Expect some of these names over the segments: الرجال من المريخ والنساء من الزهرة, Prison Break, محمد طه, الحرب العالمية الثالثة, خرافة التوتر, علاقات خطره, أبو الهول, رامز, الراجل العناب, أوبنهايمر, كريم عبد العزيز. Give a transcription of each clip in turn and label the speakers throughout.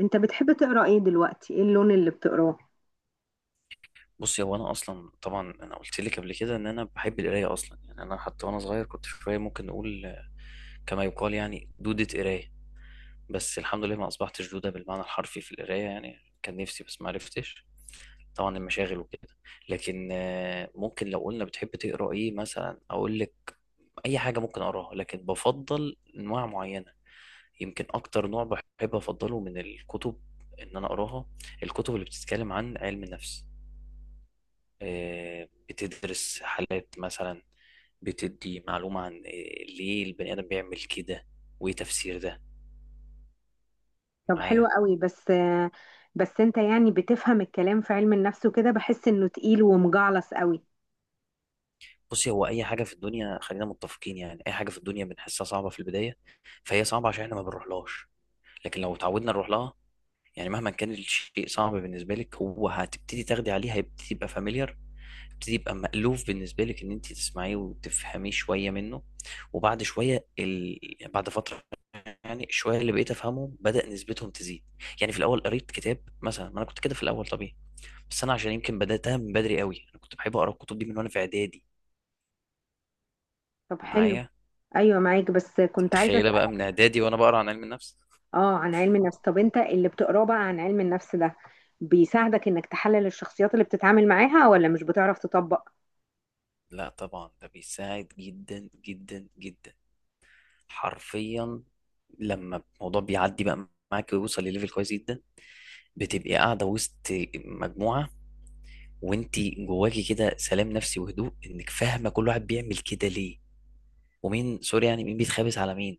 Speaker 1: انت بتحب تقرا ايه دلوقتي؟ ايه اللون اللي بتقراه؟
Speaker 2: بصي هو انا اصلا طبعا انا قلت لك قبل كده ان انا بحب القرايه اصلا. يعني انا حتى وانا صغير كنت شويه ممكن نقول كما يقال يعني دودة قرايه. بس الحمد لله ما اصبحتش دوده بالمعنى الحرفي في القرايه. يعني كان نفسي بس ما عرفتش، طبعا المشاغل وكده. لكن ممكن لو قلنا بتحب تقرا ايه مثلا اقول لك اي حاجه ممكن اقراها، لكن بفضل انواع معينه. يمكن اكتر نوع بحب افضله من الكتب ان انا اقراها، الكتب اللي بتتكلم عن علم النفس. بتدرس حالات مثلا، بتدي معلومة عن ليه البني آدم بيعمل كده وإيه تفسير ده.
Speaker 1: طب حلو
Speaker 2: معايا.
Speaker 1: قوي. بس بس انت يعني بتفهم الكلام في علم النفس وكده؟ بحس انه تقيل ومجعلص قوي.
Speaker 2: بصي، هو أي حاجة في الدنيا، خلينا متفقين، يعني أي حاجة في الدنيا بنحسها صعبة في البداية، فهي صعبة عشان إحنا ما بنروحلهاش. لكن لو اتعودنا نروح لها، يعني مهما كان الشيء صعب بالنسبة لك، هو هتبتدي تاخدي عليه، هيبتدي يبقى فاميليار، هيبتدي يبقى مألوف بالنسبة لك إن أنت تسمعيه وتفهميه شوية منه. وبعد شوية بعد فترة يعني شويه اللي بقيت افهمهم بدا نسبتهم تزيد. يعني في الاول قريت كتاب مثلا، ما انا كنت كده في الاول طبيعي. بس انا عشان يمكن بداتها من بدري قوي، انا كنت بحب اقرا الكتب دي من وانا في اعدادي.
Speaker 1: طب حلو.
Speaker 2: معايا انت.
Speaker 1: ايوه معاك، بس كنت عايزه
Speaker 2: متخيله بقى
Speaker 1: اسالك.
Speaker 2: من اعدادي وانا بقرا عن علم النفس.
Speaker 1: اه، عن علم النفس. طب انت اللي بتقراه بقى عن علم النفس ده بيساعدك انك تحلل الشخصيات اللي بتتعامل معاها، ولا مش بتعرف تطبق؟
Speaker 2: لا طبعا ده بيساعد جدا جدا جدا، حرفيا. لما الموضوع بيعدي بقى معاك ويوصل لليفل كويس جدا، بتبقي قاعده وسط مجموعه وانت جواكي كده سلام نفسي وهدوء، انك فاهمه كل واحد بيعمل كده ليه. ومين سوري، يعني مين بيتخابس على مين،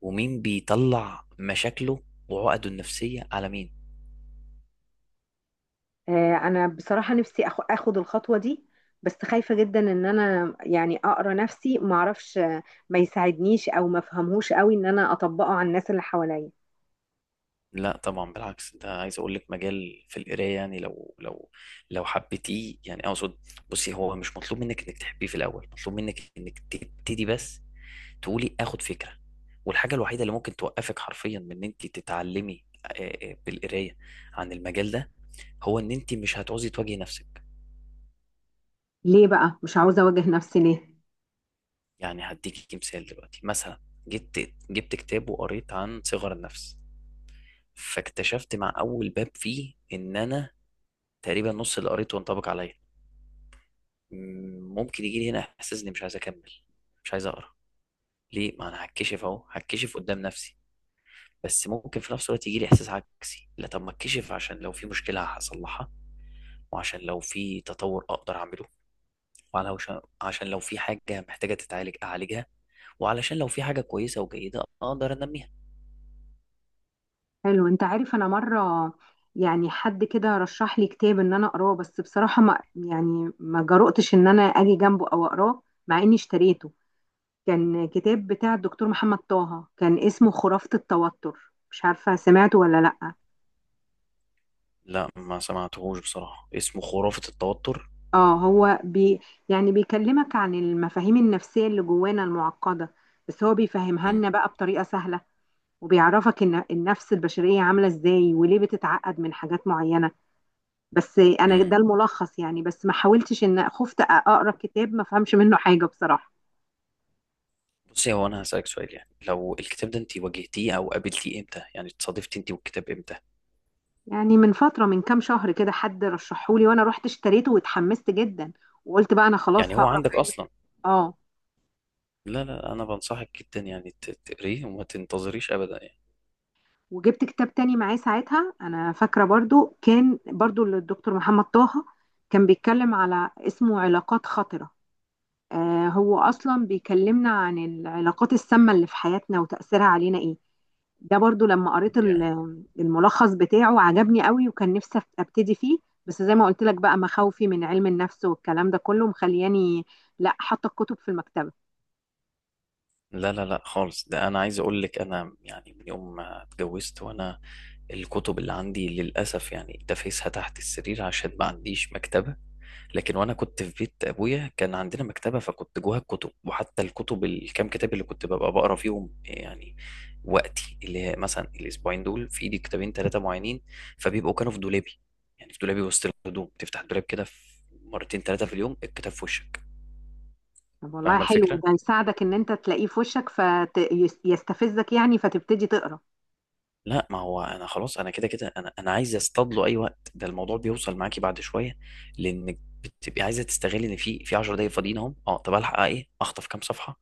Speaker 2: ومين بيطلع مشاكله وعقده النفسية على مين.
Speaker 1: انا بصراحه نفسي اخد الخطوه دي. بس خايفه جدا ان انا يعني اقرا نفسي ما اعرفش، ما يساعدنيش او ما افهمهوش قوي ان انا اطبقه على الناس اللي حواليا.
Speaker 2: لا طبعا بالعكس، ده عايز اقول لك مجال في القرايه، يعني لو لو حبيتيه، يعني اقصد، بصي هو مش مطلوب منك انك تحبيه في الاول، مطلوب منك انك تبتدي بس، تقولي اخد فكره. والحاجه الوحيده اللي ممكن توقفك حرفيا من ان انت تتعلمي بالقرايه عن المجال ده، هو ان انت مش هتعوزي تواجهي نفسك.
Speaker 1: ليه بقى مش عاوزة أواجه نفسي ليه؟
Speaker 2: يعني هديكي مثال دلوقتي مثلا، جبت كتاب وقريت عن صغر النفس، فاكتشفت مع اول باب فيه ان انا تقريبا نص اللي قريته انطبق عليا. ممكن يجي لي هنا احساس اني مش عايز اكمل، مش عايز اقرا، ليه؟ ما انا هتكشف اهو، هتكشف قدام نفسي. بس ممكن في نفس الوقت يجي لي احساس عكسي، لا طب ما اتكشف عشان لو في مشكله هصلحها، وعشان لو في تطور اقدر اعمله، وعشان لو في حاجه محتاجه تتعالج اعالجها، وعلشان لو في حاجه كويسه وجيده اقدر انميها.
Speaker 1: حلو. أنت عارف أنا مرة، يعني حد كده رشح لي كتاب إن أنا أقراه، بس بصراحة ما يعني ما جرؤتش إن أنا أجي جنبه أو أقراه مع إني اشتريته. كان كتاب بتاع الدكتور محمد طه، كان اسمه خرافة التوتر، مش عارفة سمعته ولا لأ.
Speaker 2: لا ما سمعتهوش بصراحه، اسمه خرافه التوتر.
Speaker 1: اه، هو بي، يعني بيكلمك عن المفاهيم النفسية اللي جوانا المعقدة، بس هو بيفهمها
Speaker 2: مم.
Speaker 1: لنا بقى بطريقة سهلة. وبيعرفك ان النفس البشرية عاملة ازاي وليه بتتعقد من حاجات معينة. بس انا
Speaker 2: مم.
Speaker 1: ده الملخص، يعني بس ما حاولتش، ان خفت اقرا كتاب ما فهمش منه حاجة بصراحة.
Speaker 2: بصي هو انا هسألك سؤال، يعني لو الكتاب ده انت واجهتيه او قابلتيه امتى، يعني اتصادفتي انت والكتاب امتى؟
Speaker 1: يعني من فترة، من كام شهر كده، حد رشحهولي وانا رحت اشتريته واتحمست جدا، وقلت بقى انا خلاص
Speaker 2: يعني هو
Speaker 1: هقرا
Speaker 2: عندك
Speaker 1: في علم.
Speaker 2: اصلا.
Speaker 1: اه.
Speaker 2: لا لا، انا بنصحك جدا يعني تقريه وما تنتظريش ابدا يعني.
Speaker 1: وجبت كتاب تاني معاه ساعتها، انا فاكره برضو كان برضو للدكتور محمد طه، كان بيتكلم على اسمه علاقات خطره. آه، هو اصلا بيكلمنا عن العلاقات السامه اللي في حياتنا وتاثيرها علينا ايه. ده برضو لما قريت
Speaker 2: يعني
Speaker 1: الملخص بتاعه عجبني قوي، وكان نفسي ابتدي فيه. بس زي ما قلت لك بقى مخاوفي من علم النفس والكلام ده كله مخلياني، لا، حاطه الكتب في المكتبه.
Speaker 2: لا لا لا خالص، ده انا عايز اقول لك انا يعني من يوم ما اتجوزت وانا، الكتب اللي عندي للاسف يعني دافيسها تحت السرير عشان ما عنديش مكتبة. لكن وانا كنت في بيت ابويا كان عندنا مكتبه، فكنت جواها الكتب، وحتى الكتب الكام كتاب اللي كنت ببقى بقرا فيهم يعني وقتي، اللي هي مثلا الاسبوعين دول في ايدي كتابين ثلاثه معينين، فبيبقوا كانوا في دولابي، يعني في دولابي وسط الهدوم، تفتح الدولاب كده في مرتين ثلاثه في اليوم الكتاب في وشك.
Speaker 1: طب والله
Speaker 2: فاهمه
Speaker 1: حلو.
Speaker 2: الفكره؟
Speaker 1: ده يساعدك ان انت تلاقيه في وشك فيستفزك، يعني فتبتدي تقرا.
Speaker 2: لا ما هو انا خلاص انا كده كده، انا انا عايز اصطاد له اي وقت. ده الموضوع بيوصل معاكي بعد شويه، لانك بتبقي عايزه تستغلي ان في 10 دقايق فاضيين اهم، اه طب الحق ايه، اخطف كام صفحه،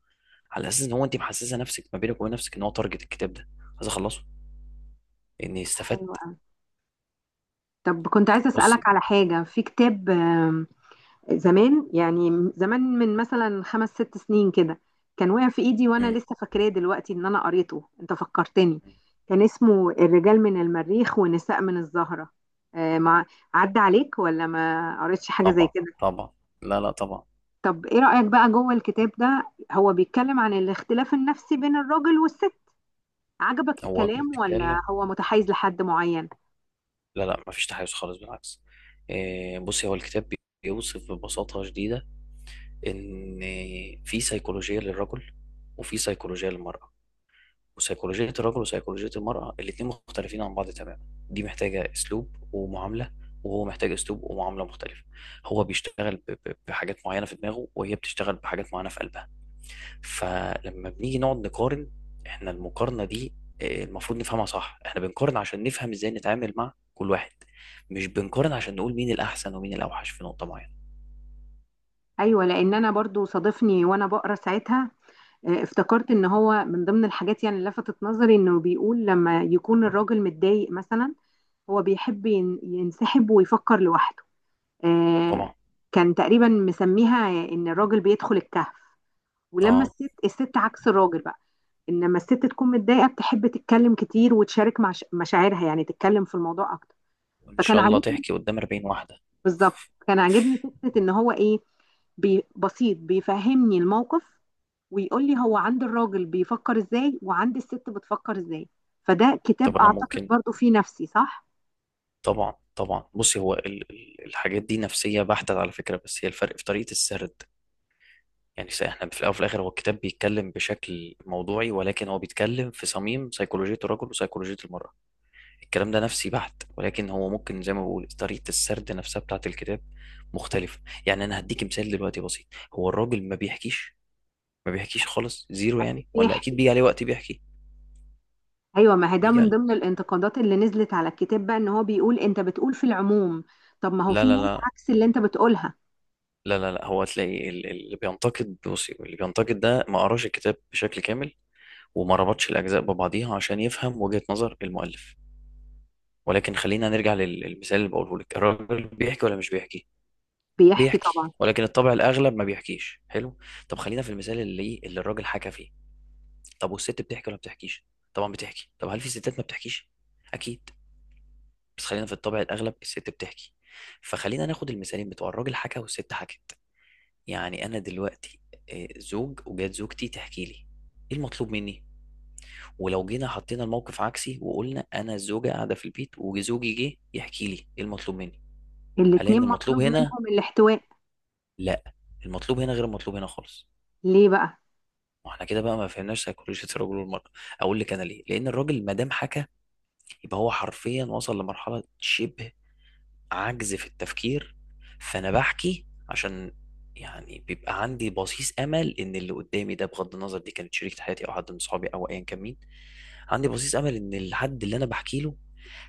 Speaker 2: على اساس ان هو انت محسسه نفسك ما بينك وبين نفسك ان هو تارجت الكتاب ده عايز اخلصه لاني
Speaker 1: حلو
Speaker 2: استفدت.
Speaker 1: أوي. طب كنت عايزة
Speaker 2: بصي.
Speaker 1: أسألك على حاجة في كتاب، زمان، يعني زمان من مثلا 5 6 سنين كده، كان واقع في إيدي وأنا
Speaker 2: مم.
Speaker 1: لسه فاكراه دلوقتي إن أنا قريته. أنت فكرتني. كان اسمه الرجال من المريخ والنساء من الزهرة. مع، عدى عليك ولا ما قريتش حاجة زي
Speaker 2: طبعا
Speaker 1: كده؟
Speaker 2: طبعا. لا لا طبعا.
Speaker 1: طب إيه رأيك بقى؟ جوه الكتاب ده هو بيتكلم عن الاختلاف النفسي بين الراجل والست. عجبك
Speaker 2: هو
Speaker 1: الكلام ولا
Speaker 2: بيتكلم.
Speaker 1: هو متحيز لحد معين؟
Speaker 2: لا لا مفيش تحيز خالص، بالعكس. بصي هو الكتاب بيوصف ببساطة شديدة ان في سيكولوجية للرجل وفي سيكولوجية للمرأة، وسيكولوجية الرجل وسيكولوجية المرأة الاتنين مختلفين عن بعض تماما. دي محتاجة أسلوب ومعاملة، وهو محتاج أسلوب ومعاملة مختلفة. هو بيشتغل بحاجات معينة في دماغه، وهي بتشتغل بحاجات معينة في قلبها. فلما بنيجي نقعد نقارن، احنا المقارنة دي المفروض نفهمها صح. احنا بنقارن عشان نفهم ازاي نتعامل مع كل واحد، مش بنقارن عشان نقول مين الأحسن ومين الأوحش في نقطة معينة.
Speaker 1: ايوه، لان انا برضو صادفني وانا بقرا ساعتها. افتكرت ان هو من ضمن الحاجات، يعني اللي لفتت نظري، انه بيقول لما يكون الراجل متضايق مثلا هو بيحب ينسحب ويفكر لوحده. آه.
Speaker 2: طبعا.
Speaker 1: كان تقريبا مسميها ان الراجل بيدخل الكهف. ولما
Speaker 2: اه.
Speaker 1: الست عكس الراجل بقى، انما الست تكون متضايقة بتحب تتكلم كتير وتشارك مع مشاعرها، يعني تتكلم في الموضوع اكتر.
Speaker 2: وإن
Speaker 1: فكان
Speaker 2: شاء الله
Speaker 1: عاجبني،
Speaker 2: تحكي قدام 40 واحدة.
Speaker 1: بالظبط كان عاجبني فكرة ان هو ايه، بي بسيط بيفهمني الموقف ويقول لي هو عند الراجل بيفكر ازاي وعند الست بتفكر ازاي. فده كتاب
Speaker 2: طب أنا
Speaker 1: اعتقد
Speaker 2: ممكن.
Speaker 1: برضو فيه نفسي صح.
Speaker 2: طبعا طبعا بصي هو الحاجات دي نفسية بحتة على فكرة، بس هي الفرق في طريقة السرد، يعني س- احنا في الأول وفي الآخر هو الكتاب بيتكلم بشكل موضوعي، ولكن هو بيتكلم في صميم سيكولوجية الرجل وسيكولوجية المرأة. الكلام ده نفسي بحت، ولكن هو ممكن زي ما بقول طريقة السرد نفسها بتاعة الكتاب مختلفة. يعني أنا هديك مثال دلوقتي بسيط، هو الراجل ما بيحكيش، ما بيحكيش خالص، زيرو
Speaker 1: اكيد
Speaker 2: يعني، ولا أكيد
Speaker 1: بيحكي.
Speaker 2: بيجي عليه وقت بيحكي.
Speaker 1: ايوه، ما هي ده
Speaker 2: بيجي
Speaker 1: من
Speaker 2: عليه.
Speaker 1: ضمن الانتقادات اللي نزلت على الكتاب بقى، ان هو بيقول انت بتقول في العموم. طب ما هو
Speaker 2: لا
Speaker 1: في
Speaker 2: لا
Speaker 1: ناس
Speaker 2: لا،
Speaker 1: عكس اللي انت بتقولها.
Speaker 2: لا لا لا. هو تلاقي اللي بينتقد، بصي اللي بينتقد ده ما قراش الكتاب بشكل كامل وما ربطش الأجزاء ببعضيها عشان يفهم وجهة نظر المؤلف. ولكن خلينا نرجع للمثال اللي بقوله لك، الراجل بيحكي ولا مش بيحكي؟
Speaker 1: بيحكي طبعا.
Speaker 2: بيحكي ولكن الطبع الأغلب ما بيحكيش. حلو. طب خلينا في المثال اللي اللي الراجل حكى فيه. طب والست بتحكي ولا بتحكيش؟ طبعا بتحكي. طب هل في ستات ما بتحكيش؟ أكيد. بس خلينا في الطبع الأغلب الست بتحكي. فخلينا ناخد المثالين بتوع الراجل حكى والست حكت. يعني أنا دلوقتي زوج وجات زوجتي تحكي لي، إيه المطلوب مني؟ ولو جينا حطينا الموقف عكسي وقلنا انا الزوجه قاعده في البيت وزوجي جه يحكي لي، ايه المطلوب مني؟ هل
Speaker 1: الاتنين
Speaker 2: ان المطلوب
Speaker 1: مطلوب
Speaker 2: هنا؟
Speaker 1: منهم الاحتواء.
Speaker 2: لا، المطلوب هنا غير المطلوب هنا خالص.
Speaker 1: ليه بقى؟
Speaker 2: واحنا كده بقى ما فهمناش سيكولوجيه الرجل والمراه. اقول لك انا ليه. لان الراجل ما دام حكى يبقى هو حرفيا وصل لمرحله شبه عجز في التفكير، فانا بحكي عشان، يعني بيبقى عندي بصيص امل ان اللي قدامي ده بغض النظر دي كانت شريكة حياتي او حد من صحابي او ايا كان مين، عندي بصيص امل ان الحد اللي انا بحكي له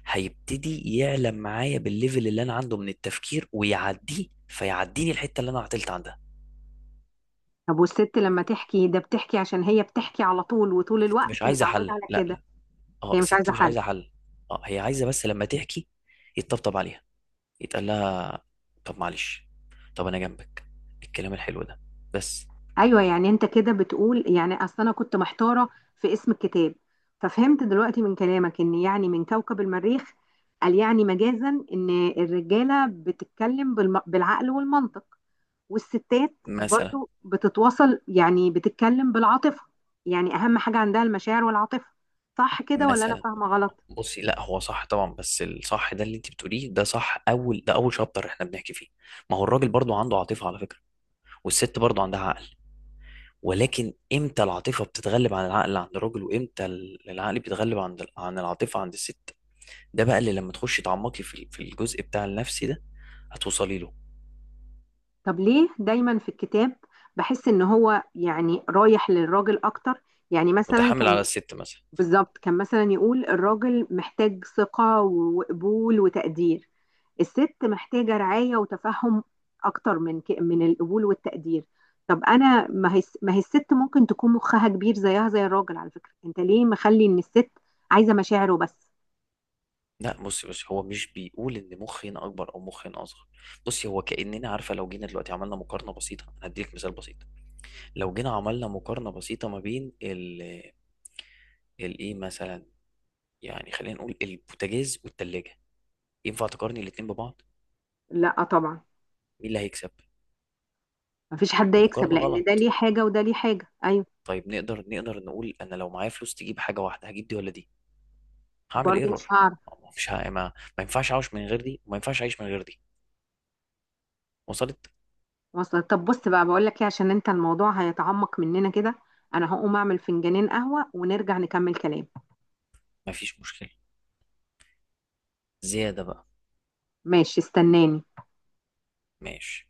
Speaker 2: هيبتدي يعلم معايا بالليفل اللي انا عنده من التفكير ويعديه، فيعديني الحتة اللي انا عطلت عندها.
Speaker 1: طب والست لما تحكي ده بتحكي عشان هي بتحكي على طول، وطول
Speaker 2: الست مش
Speaker 1: الوقت
Speaker 2: عايزة
Speaker 1: متعودة
Speaker 2: حل،
Speaker 1: على
Speaker 2: لا
Speaker 1: كده.
Speaker 2: لا، اه
Speaker 1: هي مش
Speaker 2: الست
Speaker 1: عايزه
Speaker 2: مش
Speaker 1: حل.
Speaker 2: عايزة حل. اه هي عايزة بس لما تحكي يتطبطب عليها، يتقال لها طب معلش، طب انا جنبك، الكلام الحلو ده بس.
Speaker 1: ايوه، يعني انت كده بتقول، يعني اصل انا كنت محتاره في اسم الكتاب، ففهمت دلوقتي من كلامك ان يعني من كوكب المريخ، قال يعني مجازا ان الرجاله بتتكلم بالعقل والمنطق، والستات
Speaker 2: مثلا.
Speaker 1: برضو بتتواصل، يعني بتتكلم بالعاطفه. يعني اهم حاجه عندها المشاعر والعاطفه. صح كده ولا انا
Speaker 2: مثلا
Speaker 1: فاهمه غلط؟
Speaker 2: بصي، لا هو صح طبعا، بس الصح ده اللي انت بتقوليه ده صح اول، ده اول شابتر احنا بنحكي فيه. ما هو الراجل برضو عنده عاطفه على فكره، والست برضو عندها عقل. ولكن امتى العاطفه بتتغلب عن العقل عند الراجل، وامتى العقل بيتغلب عن العاطفه عند الست؟ ده بقى اللي لما تخشي تعمقي في الجزء بتاع النفسي ده هتوصلي له.
Speaker 1: طب ليه دايما في الكتاب بحس ان هو يعني رايح للراجل اكتر؟ يعني مثلا
Speaker 2: متحمل
Speaker 1: كان،
Speaker 2: على الست مثلا؟
Speaker 1: بالظبط كان مثلا يقول الراجل محتاج ثقة وقبول وتقدير، الست محتاجة رعاية وتفهم أكتر من من القبول والتقدير. طب أنا، ما هي الست ممكن تكون مخها كبير زيها زي الراجل على فكرة. أنت ليه مخلي إن الست عايزة مشاعره بس؟
Speaker 2: لا بصي بصي هو مش بيقول ان مخ هنا اكبر او مخ هنا اصغر. بصي هو كاننا عارفه، لو جينا دلوقتي عملنا مقارنه بسيطه، هديلك مثال بسيط، لو جينا عملنا مقارنة بسيطة ما بين الايه مثلا، يعني خلينا نقول البوتاجاز والتلاجة، ينفع تقارني الاتنين ببعض؟
Speaker 1: لا طبعا.
Speaker 2: مين اللي هيكسب؟
Speaker 1: مفيش حد يكسب،
Speaker 2: المقارنة
Speaker 1: لأن ده
Speaker 2: غلط.
Speaker 1: ليه حاجة وده ليه حاجة. أيوه.
Speaker 2: طيب نقدر نقول انا لو معايا فلوس تجيب حاجة واحدة هجيب دي ولا دي؟ هعمل
Speaker 1: برضو مش
Speaker 2: ايرور.
Speaker 1: هعرف.
Speaker 2: مش ه... ما... ما ينفعش اعيش من غير دي وما ينفعش اعيش من غير دي. وصلت؟
Speaker 1: وصل. طب بص بقى، بقول لك إيه، عشان أنت الموضوع هيتعمق مننا كده، أنا هقوم أعمل فنجانين قهوة ونرجع نكمل كلام.
Speaker 2: ما فيش مشكلة، زيادة بقى.
Speaker 1: ماشي استناني.
Speaker 2: ماشي.